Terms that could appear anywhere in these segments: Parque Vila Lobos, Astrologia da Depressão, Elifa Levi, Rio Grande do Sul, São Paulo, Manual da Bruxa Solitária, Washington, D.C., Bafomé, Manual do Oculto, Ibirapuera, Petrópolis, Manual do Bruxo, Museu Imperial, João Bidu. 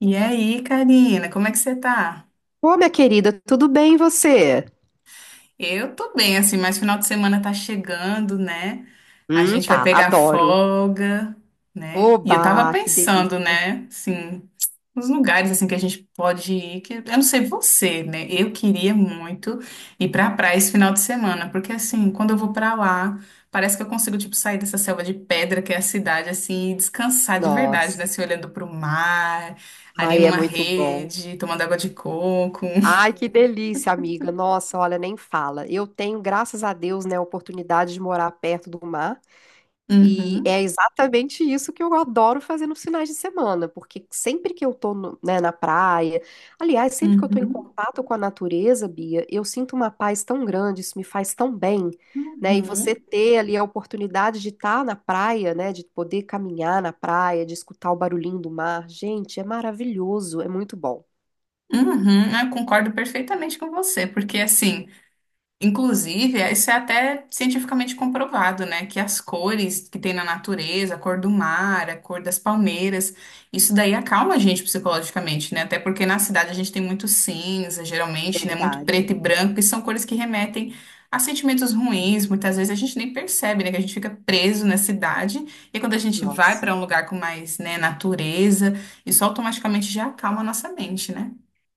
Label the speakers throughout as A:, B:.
A: E aí, Karina, como é que você tá?
B: Ô, minha querida, tudo bem e você?
A: Eu tô bem, assim, mas final de semana tá chegando, né? A gente vai
B: Tá,
A: pegar
B: adoro.
A: folga, né? E eu tava
B: Oba, que
A: pensando,
B: delícia.
A: né, assim, nos lugares, assim, que a gente pode ir, que eu não sei você, né? Eu queria muito ir pra praia esse final de semana, porque, assim, quando eu vou pra lá, parece que eu consigo, tipo, sair dessa selva de pedra que é a cidade, assim, e descansar de verdade, né?
B: Nossa,
A: Se olhando pro mar, ali
B: ai, é
A: numa
B: muito bom.
A: rede, tomando água de coco.
B: Ai, que delícia, amiga. Nossa, olha, nem fala. Eu tenho, graças a Deus, né, a oportunidade de morar perto do mar. E
A: Uhum,
B: é exatamente isso que eu adoro fazer nos finais de semana, porque sempre que eu tô né, na praia, aliás, sempre que eu tô em
A: uhum,
B: contato com a natureza, Bia, eu sinto uma paz tão grande, isso me faz tão bem, né? E você
A: uhum,
B: ter ali a oportunidade de estar na praia, né, de poder caminhar na praia, de escutar o barulhinho do mar, gente, é maravilhoso, é muito bom.
A: uhum. Eu concordo perfeitamente com você, porque assim. Inclusive, isso é até cientificamente comprovado, né? Que as cores que tem na natureza, a cor do mar, a cor das palmeiras, isso daí acalma a gente psicologicamente, né? Até porque na cidade a gente tem muito cinza, geralmente, né? Muito preto
B: Verdade.
A: e branco, e são cores que remetem a sentimentos ruins. Muitas vezes a gente nem percebe, né? Que a gente fica preso na cidade, e quando a gente vai
B: Nossa.
A: para um lugar com mais, né, natureza, isso automaticamente já acalma a nossa mente, né?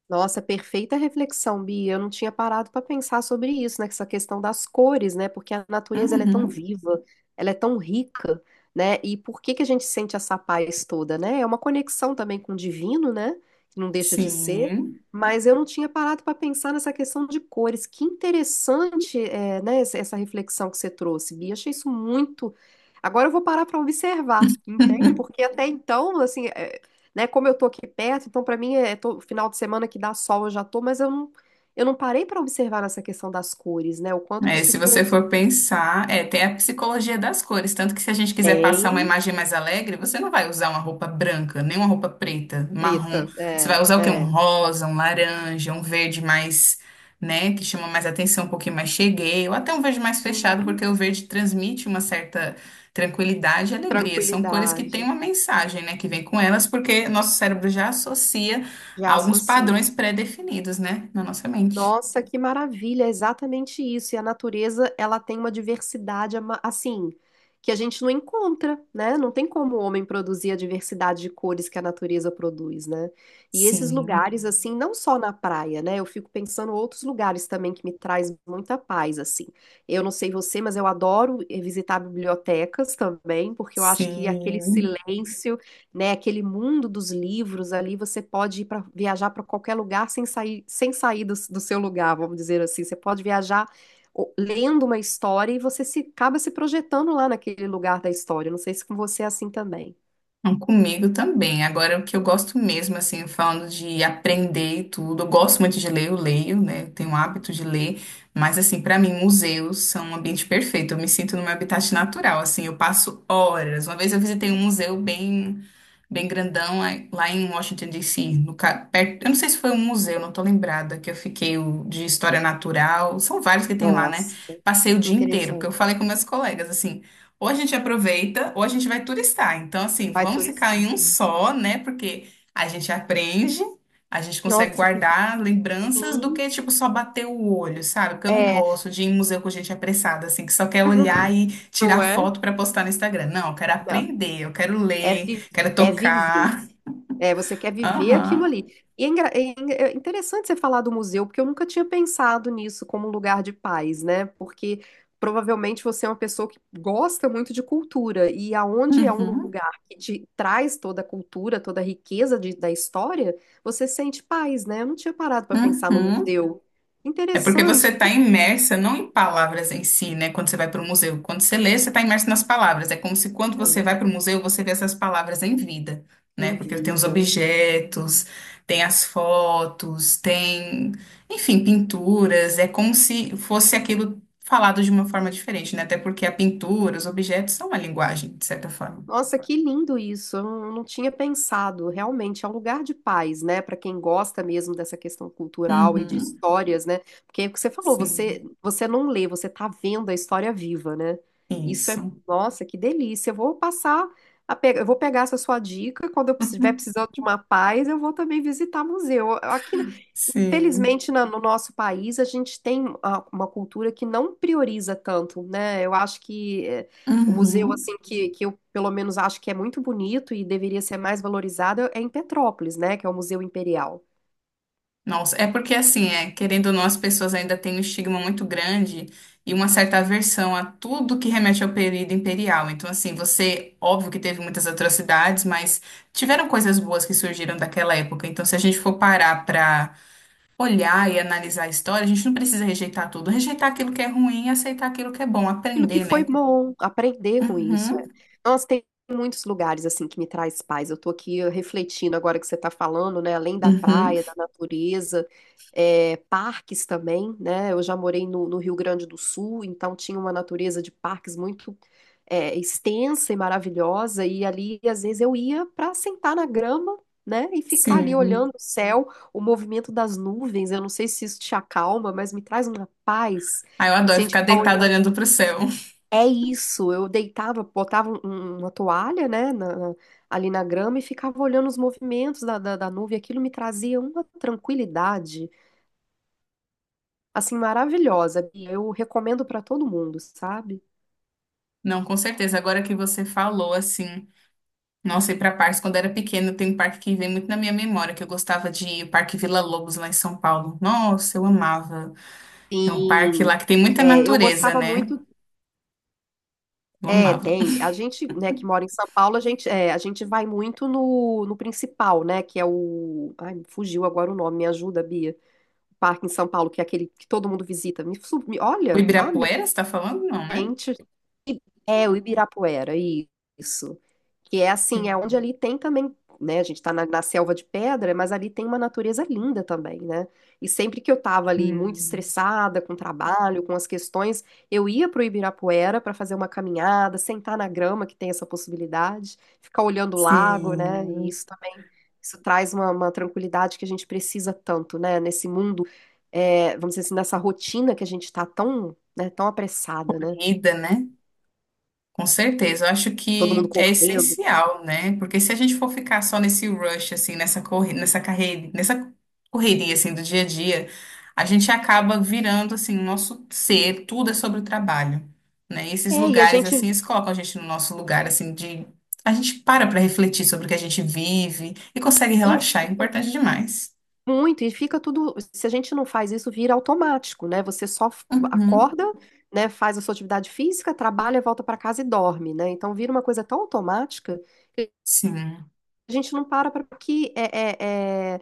B: Nossa, perfeita reflexão, Bia. Eu não tinha parado para pensar sobre isso, né? Essa questão das cores, né? Porque a natureza ela é tão
A: Uhum,
B: viva, ela é tão rica, né? E por que que a gente sente essa paz toda, né? É uma conexão também com o divino, né? Que não deixa de ser.
A: sim.
B: Mas eu não tinha parado para pensar nessa questão de cores. Que interessante, é, né? Essa reflexão que você trouxe, Bia. Achei isso muito. Agora eu vou parar para observar, entende? Porque até então, assim, né? Como eu tô aqui perto, então para mim é final de semana que dá sol, eu já tô, mas eu não parei para observar nessa questão das cores, né? O quanto que
A: É,
B: isso
A: se você
B: influencia.
A: for pensar, é, tem a psicologia das cores, tanto que se a gente quiser
B: Tem
A: passar uma imagem mais alegre, você não vai usar uma roupa branca, nem uma roupa preta, marrom.
B: preta,
A: Você vai
B: é,
A: usar o quê? Um
B: é.
A: rosa, um laranja, um verde mais, né, que chama mais atenção, um pouquinho mais cheguei, ou até um verde mais fechado,
B: Sim,
A: porque o verde transmite uma certa tranquilidade e alegria. São cores que
B: tranquilidade.
A: têm uma mensagem, né, que vem com elas, porque nosso cérebro já associa a
B: Já
A: alguns padrões
B: associo.
A: pré-definidos, né, na nossa mente.
B: Nossa, que maravilha, é exatamente isso. E a natureza, ela tem uma assim, que a gente não encontra, né? Não tem como o homem produzir a diversidade de cores que a natureza produz, né? E esses
A: Sim,
B: lugares assim, não só na praia, né? Eu fico pensando em outros lugares também que me traz muita paz, assim. Eu não sei você, mas eu adoro visitar bibliotecas também, porque eu acho que aquele
A: sim.
B: silêncio né? Aquele mundo dos livros ali, você pode ir para viajar para qualquer lugar sem sair, sem sair do seu lugar, vamos dizer assim. Você pode viajar lendo uma história e você se acaba se projetando lá naquele lugar da história. Não sei se com você é assim também.
A: Não, comigo também. Agora, o que eu gosto mesmo, assim, falando de aprender e tudo, eu gosto muito de ler, eu leio, né? Eu tenho o hábito de ler, mas, assim, pra mim, museus são um ambiente perfeito. Eu me sinto no meu habitat natural, assim, eu passo horas. Uma vez eu visitei um museu bem, bem grandão lá em Washington, D.C., no, perto, eu não sei se foi um museu, não tô lembrada, que eu fiquei o de história natural, são vários que tem lá, né?
B: Nossa, que
A: Passei o dia inteiro, porque eu
B: interessante.
A: falei com meus colegas, assim. Ou a gente aproveita, ou a gente vai turistar. Então, assim,
B: Vai
A: vamos ficar
B: turistar.
A: em um só, né? Porque a gente aprende, a gente consegue
B: Nossa, que
A: guardar lembranças do
B: sim.
A: que, tipo, só bater o olho, sabe? Porque eu não
B: É,
A: gosto de ir em museu com gente apressada, assim, que só quer olhar e tirar
B: não é?
A: foto pra postar no Instagram. Não, eu quero
B: Não,
A: aprender, eu quero
B: é,
A: ler,
B: vi-
A: quero
B: é viver.
A: tocar.
B: É, você quer viver aquilo
A: Aham.
B: ali. E é interessante você falar do museu, porque eu nunca tinha pensado nisso como um lugar de paz, né? Porque provavelmente você é uma pessoa que gosta muito de cultura, e aonde é um
A: Uhum.
B: lugar que te traz toda a cultura, toda a da história, você sente paz, né? Eu não tinha parado para pensar no
A: Uhum.
B: museu.
A: É porque
B: Interessante.
A: você está imersa não em palavras em si, né? Quando você vai para o museu. Quando você lê, você está imersa nas palavras. É como se quando você
B: É.
A: vai para o museu, você vê essas palavras em vida, né?
B: Em
A: Porque tem os
B: vida.
A: objetos, tem as fotos, tem, enfim, pinturas. É como se fosse aquilo falado de uma forma diferente, né? Até porque a pintura, os objetos são uma linguagem, de certa forma.
B: Nossa, que lindo isso. Eu não tinha pensado. Realmente é um lugar de paz, né? Para quem gosta mesmo dessa questão cultural e de
A: Uhum,
B: histórias, né? Porque é o que você falou,
A: sim,
B: você não lê, você tá vendo a história viva, né? Isso é,
A: isso.
B: nossa, que delícia. Eu vou eu vou pegar essa sua dica. Quando eu estiver precisando de uma paz, eu vou também visitar museu. Aqui
A: Sim.
B: felizmente, no nosso país, a gente tem uma cultura que não prioriza tanto, né? Eu acho que é, o museu,
A: Uhum.
B: assim, que eu pelo menos acho que é muito bonito e deveria ser mais valorizado é em Petrópolis, né? Que é o Museu Imperial.
A: Nossa, é porque assim, é, querendo ou não, as pessoas ainda têm um estigma muito grande e uma certa aversão a tudo que remete ao período imperial. Então, assim, você, óbvio que teve muitas atrocidades, mas tiveram coisas boas que surgiram daquela época. Então, se a gente for parar pra olhar e analisar a história, a gente não precisa rejeitar tudo, rejeitar aquilo que é ruim e aceitar aquilo que é bom,
B: Aquilo que
A: aprender,
B: foi
A: né?
B: bom, aprender com isso. É.
A: Uhum,
B: Nossa, tem muitos lugares assim que me traz paz. Eu tô aqui refletindo agora que você está falando, né? Além da
A: uhum,
B: praia, da natureza, é, parques também, né? Eu já morei no Rio Grande do Sul, então tinha uma natureza de parques muito é, extensa e maravilhosa, e ali às vezes eu ia para sentar na grama. Né? E ficar ali
A: sim.
B: olhando o céu, o movimento das nuvens. Eu não sei se isso te acalma, mas me traz uma paz.
A: Ah, eu adoro
B: Se a gente
A: ficar
B: ficar
A: deitado
B: olhando
A: olhando pro céu.
B: é isso, eu deitava, botava uma toalha, né, ali na grama e ficava olhando os movimentos da nuvem. Aquilo me trazia uma tranquilidade, assim, maravilhosa. E eu recomendo para todo mundo, sabe?
A: Não, com certeza. Agora que você falou, assim, nossa, ir para parques, quando era pequeno, tem um parque que vem muito na minha memória, que eu gostava de ir, o Parque Vila Lobos, lá em São Paulo. Nossa, eu amava. É um parque
B: Sim,
A: lá que tem muita
B: é, eu
A: natureza,
B: gostava
A: né?
B: muito.
A: Eu
B: É,
A: amava.
B: tem. A gente, né, que mora em São Paulo, a gente, é, a gente vai muito no principal, né, que é o. Ai, me fugiu agora o nome, me ajuda, Bia. Parque em São Paulo, que é aquele que todo mundo visita.
A: O
B: Olha, amém.
A: Ibirapuera, você tá falando? Não, né?
B: É, o Ibirapuera, isso. Que é assim, é onde
A: Sim.
B: ali tem também, né? A gente tá na selva de pedra, mas ali tem uma natureza linda também, né? E sempre que eu tava ali muito
A: Hum.
B: estressada com o trabalho, com as questões, eu ia pro Ibirapuera para fazer uma caminhada, sentar na grama, que tem essa possibilidade, ficar olhando o lago, né? E
A: Sim.
B: isso também, isso traz uma tranquilidade que a gente precisa tanto, né? Nesse mundo, é, vamos dizer assim, nessa rotina que a gente tá tão, né, tão apressada, né?
A: Corrida, né? Com certeza, eu acho
B: Todo mundo
A: que é
B: correndo.
A: essencial, né? Porque se a gente for ficar só nesse rush, assim, nessa corre... nessa carreira, nessa correria, assim, do dia a dia, a gente acaba virando, assim, o nosso ser, tudo é sobre o trabalho, né? E esses
B: É, e a
A: lugares,
B: gente,
A: assim, eles colocam a gente no nosso lugar, assim, de... A gente para para refletir sobre o que a gente vive e consegue
B: sim,
A: relaxar, é
B: fica
A: importante demais.
B: muito, e fica tudo, se a gente não faz isso, vira automático, né? Você só
A: Uhum.
B: acorda, né, faz a sua atividade física, trabalha, volta para casa e dorme, né? Então vira uma coisa tão automática que
A: Sim,
B: a gente não para para que é, é, é,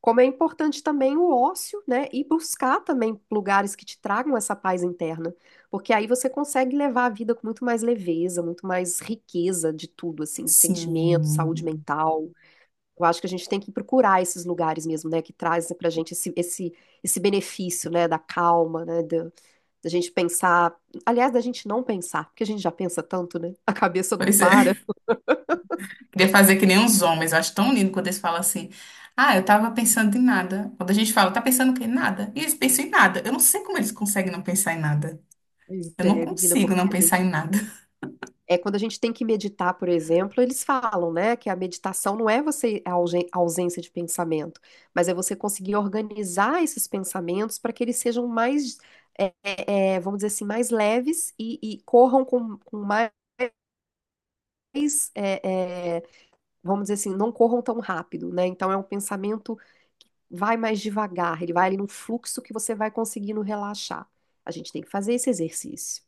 B: como é importante também o ócio, né? E buscar também lugares que te tragam essa paz interna, porque aí você consegue levar a vida com muito mais leveza, muito mais riqueza de tudo, assim, de sentimento, saúde
A: sim.
B: mental. Eu acho que a gente tem que procurar esses lugares mesmo, né, que trazem pra gente esse benefício, né, da calma, né, da, da gente pensar, aliás, da gente não pensar, porque a gente já pensa tanto, né, a cabeça não
A: Pois
B: para.
A: é. Queria fazer que nem uns homens. Eu acho tão lindo quando eles falam assim. Ah, eu tava pensando em nada. Quando a gente fala, tá pensando o quê? Em nada. E eles pensam em nada. Eu não sei como eles conseguem não pensar em nada.
B: Pois
A: Eu não
B: é, menina,
A: consigo
B: porque
A: não
B: a
A: pensar em
B: gente,
A: nada.
B: é quando a gente tem que meditar, por exemplo, eles falam, né, que a meditação não é você a ausência de pensamento, mas é você conseguir organizar esses pensamentos para que eles sejam mais, é, é, é, vamos dizer assim, mais leves e corram com mais é, é, vamos dizer assim, não corram tão rápido, né? Então é um pensamento que vai mais devagar, ele vai ali num fluxo que você vai conseguindo relaxar. A gente tem que fazer esse exercício.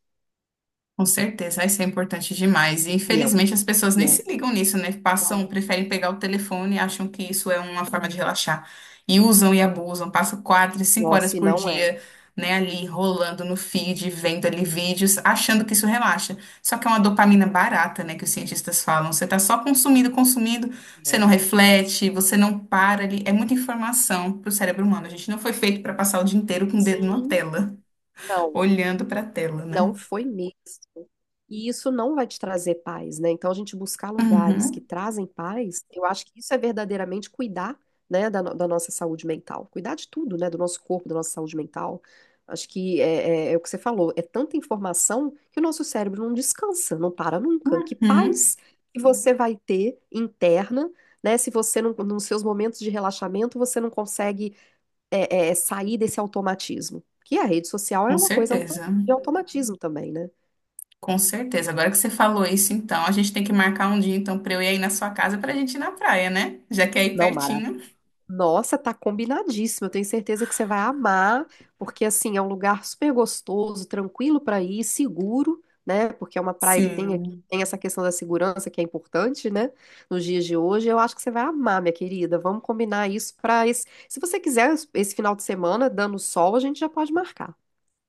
A: Com certeza, isso é importante demais. E
B: E é um.
A: infelizmente as pessoas
B: e
A: nem se
B: é-
A: ligam nisso, né? Passam,
B: nossa,
A: preferem pegar o telefone, acham que isso é uma forma de relaxar. E usam e abusam, passam quatro, cinco horas
B: nossa, e
A: por
B: não é.
A: dia, né, ali rolando no feed, vendo ali vídeos, achando que isso relaxa. Só que é uma dopamina barata, né, que os cientistas falam. Você tá só consumindo, consumindo, você não
B: É.
A: reflete, você não para ali. É muita informação pro cérebro humano. A gente não foi feito para passar o dia inteiro com o dedo na
B: Sim,
A: tela,
B: não.
A: olhando pra tela,
B: Não
A: né?
B: foi mesmo. E isso não vai te trazer paz, né? Então, a gente buscar lugares que
A: Uhum.
B: trazem paz, eu acho que isso é verdadeiramente cuidar, né, da, no- da nossa saúde mental. Cuidar de tudo, né? Do nosso corpo, da nossa saúde mental. Acho que é o que você falou, é tanta informação que o nosso cérebro não descansa, não para nunca. Que
A: Uhum,
B: paz que você vai ter interna, né? Se você, não, nos seus momentos de relaxamento, você não consegue é, é, é sair desse automatismo. Que a rede social
A: com
B: é uma coisa
A: certeza,
B: de automatismo também, né?
A: com certeza. Agora que você falou isso, então, a gente tem que marcar um dia, então, pra eu ir aí na sua casa pra gente ir na praia, né? Já que é aí
B: Não, Mara.
A: pertinho.
B: Nossa, tá combinadíssimo. Eu tenho certeza que você vai amar, porque assim é um lugar super gostoso, tranquilo para ir, seguro, né? Porque é uma praia que tem aqui,
A: Sim.
B: tem essa questão da segurança que é importante, né? Nos dias de hoje, eu acho que você vai amar, minha querida. Vamos combinar isso para esse. Se você quiser esse final de semana, dando sol, a gente já pode marcar.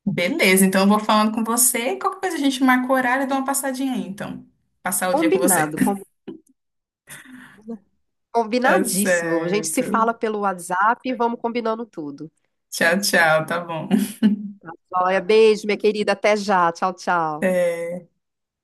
A: Beleza, então eu vou falando com você. Qualquer coisa a gente marca o horário e dá uma passadinha aí, então. Passar o dia com você.
B: Combinado, combinado.
A: Tá
B: Combinadíssimo. A gente
A: certo.
B: se fala pelo WhatsApp e vamos combinando tudo.
A: Tchau, tchau, tá bom.
B: Olha, beijo, minha querida. Até já. Tchau, tchau.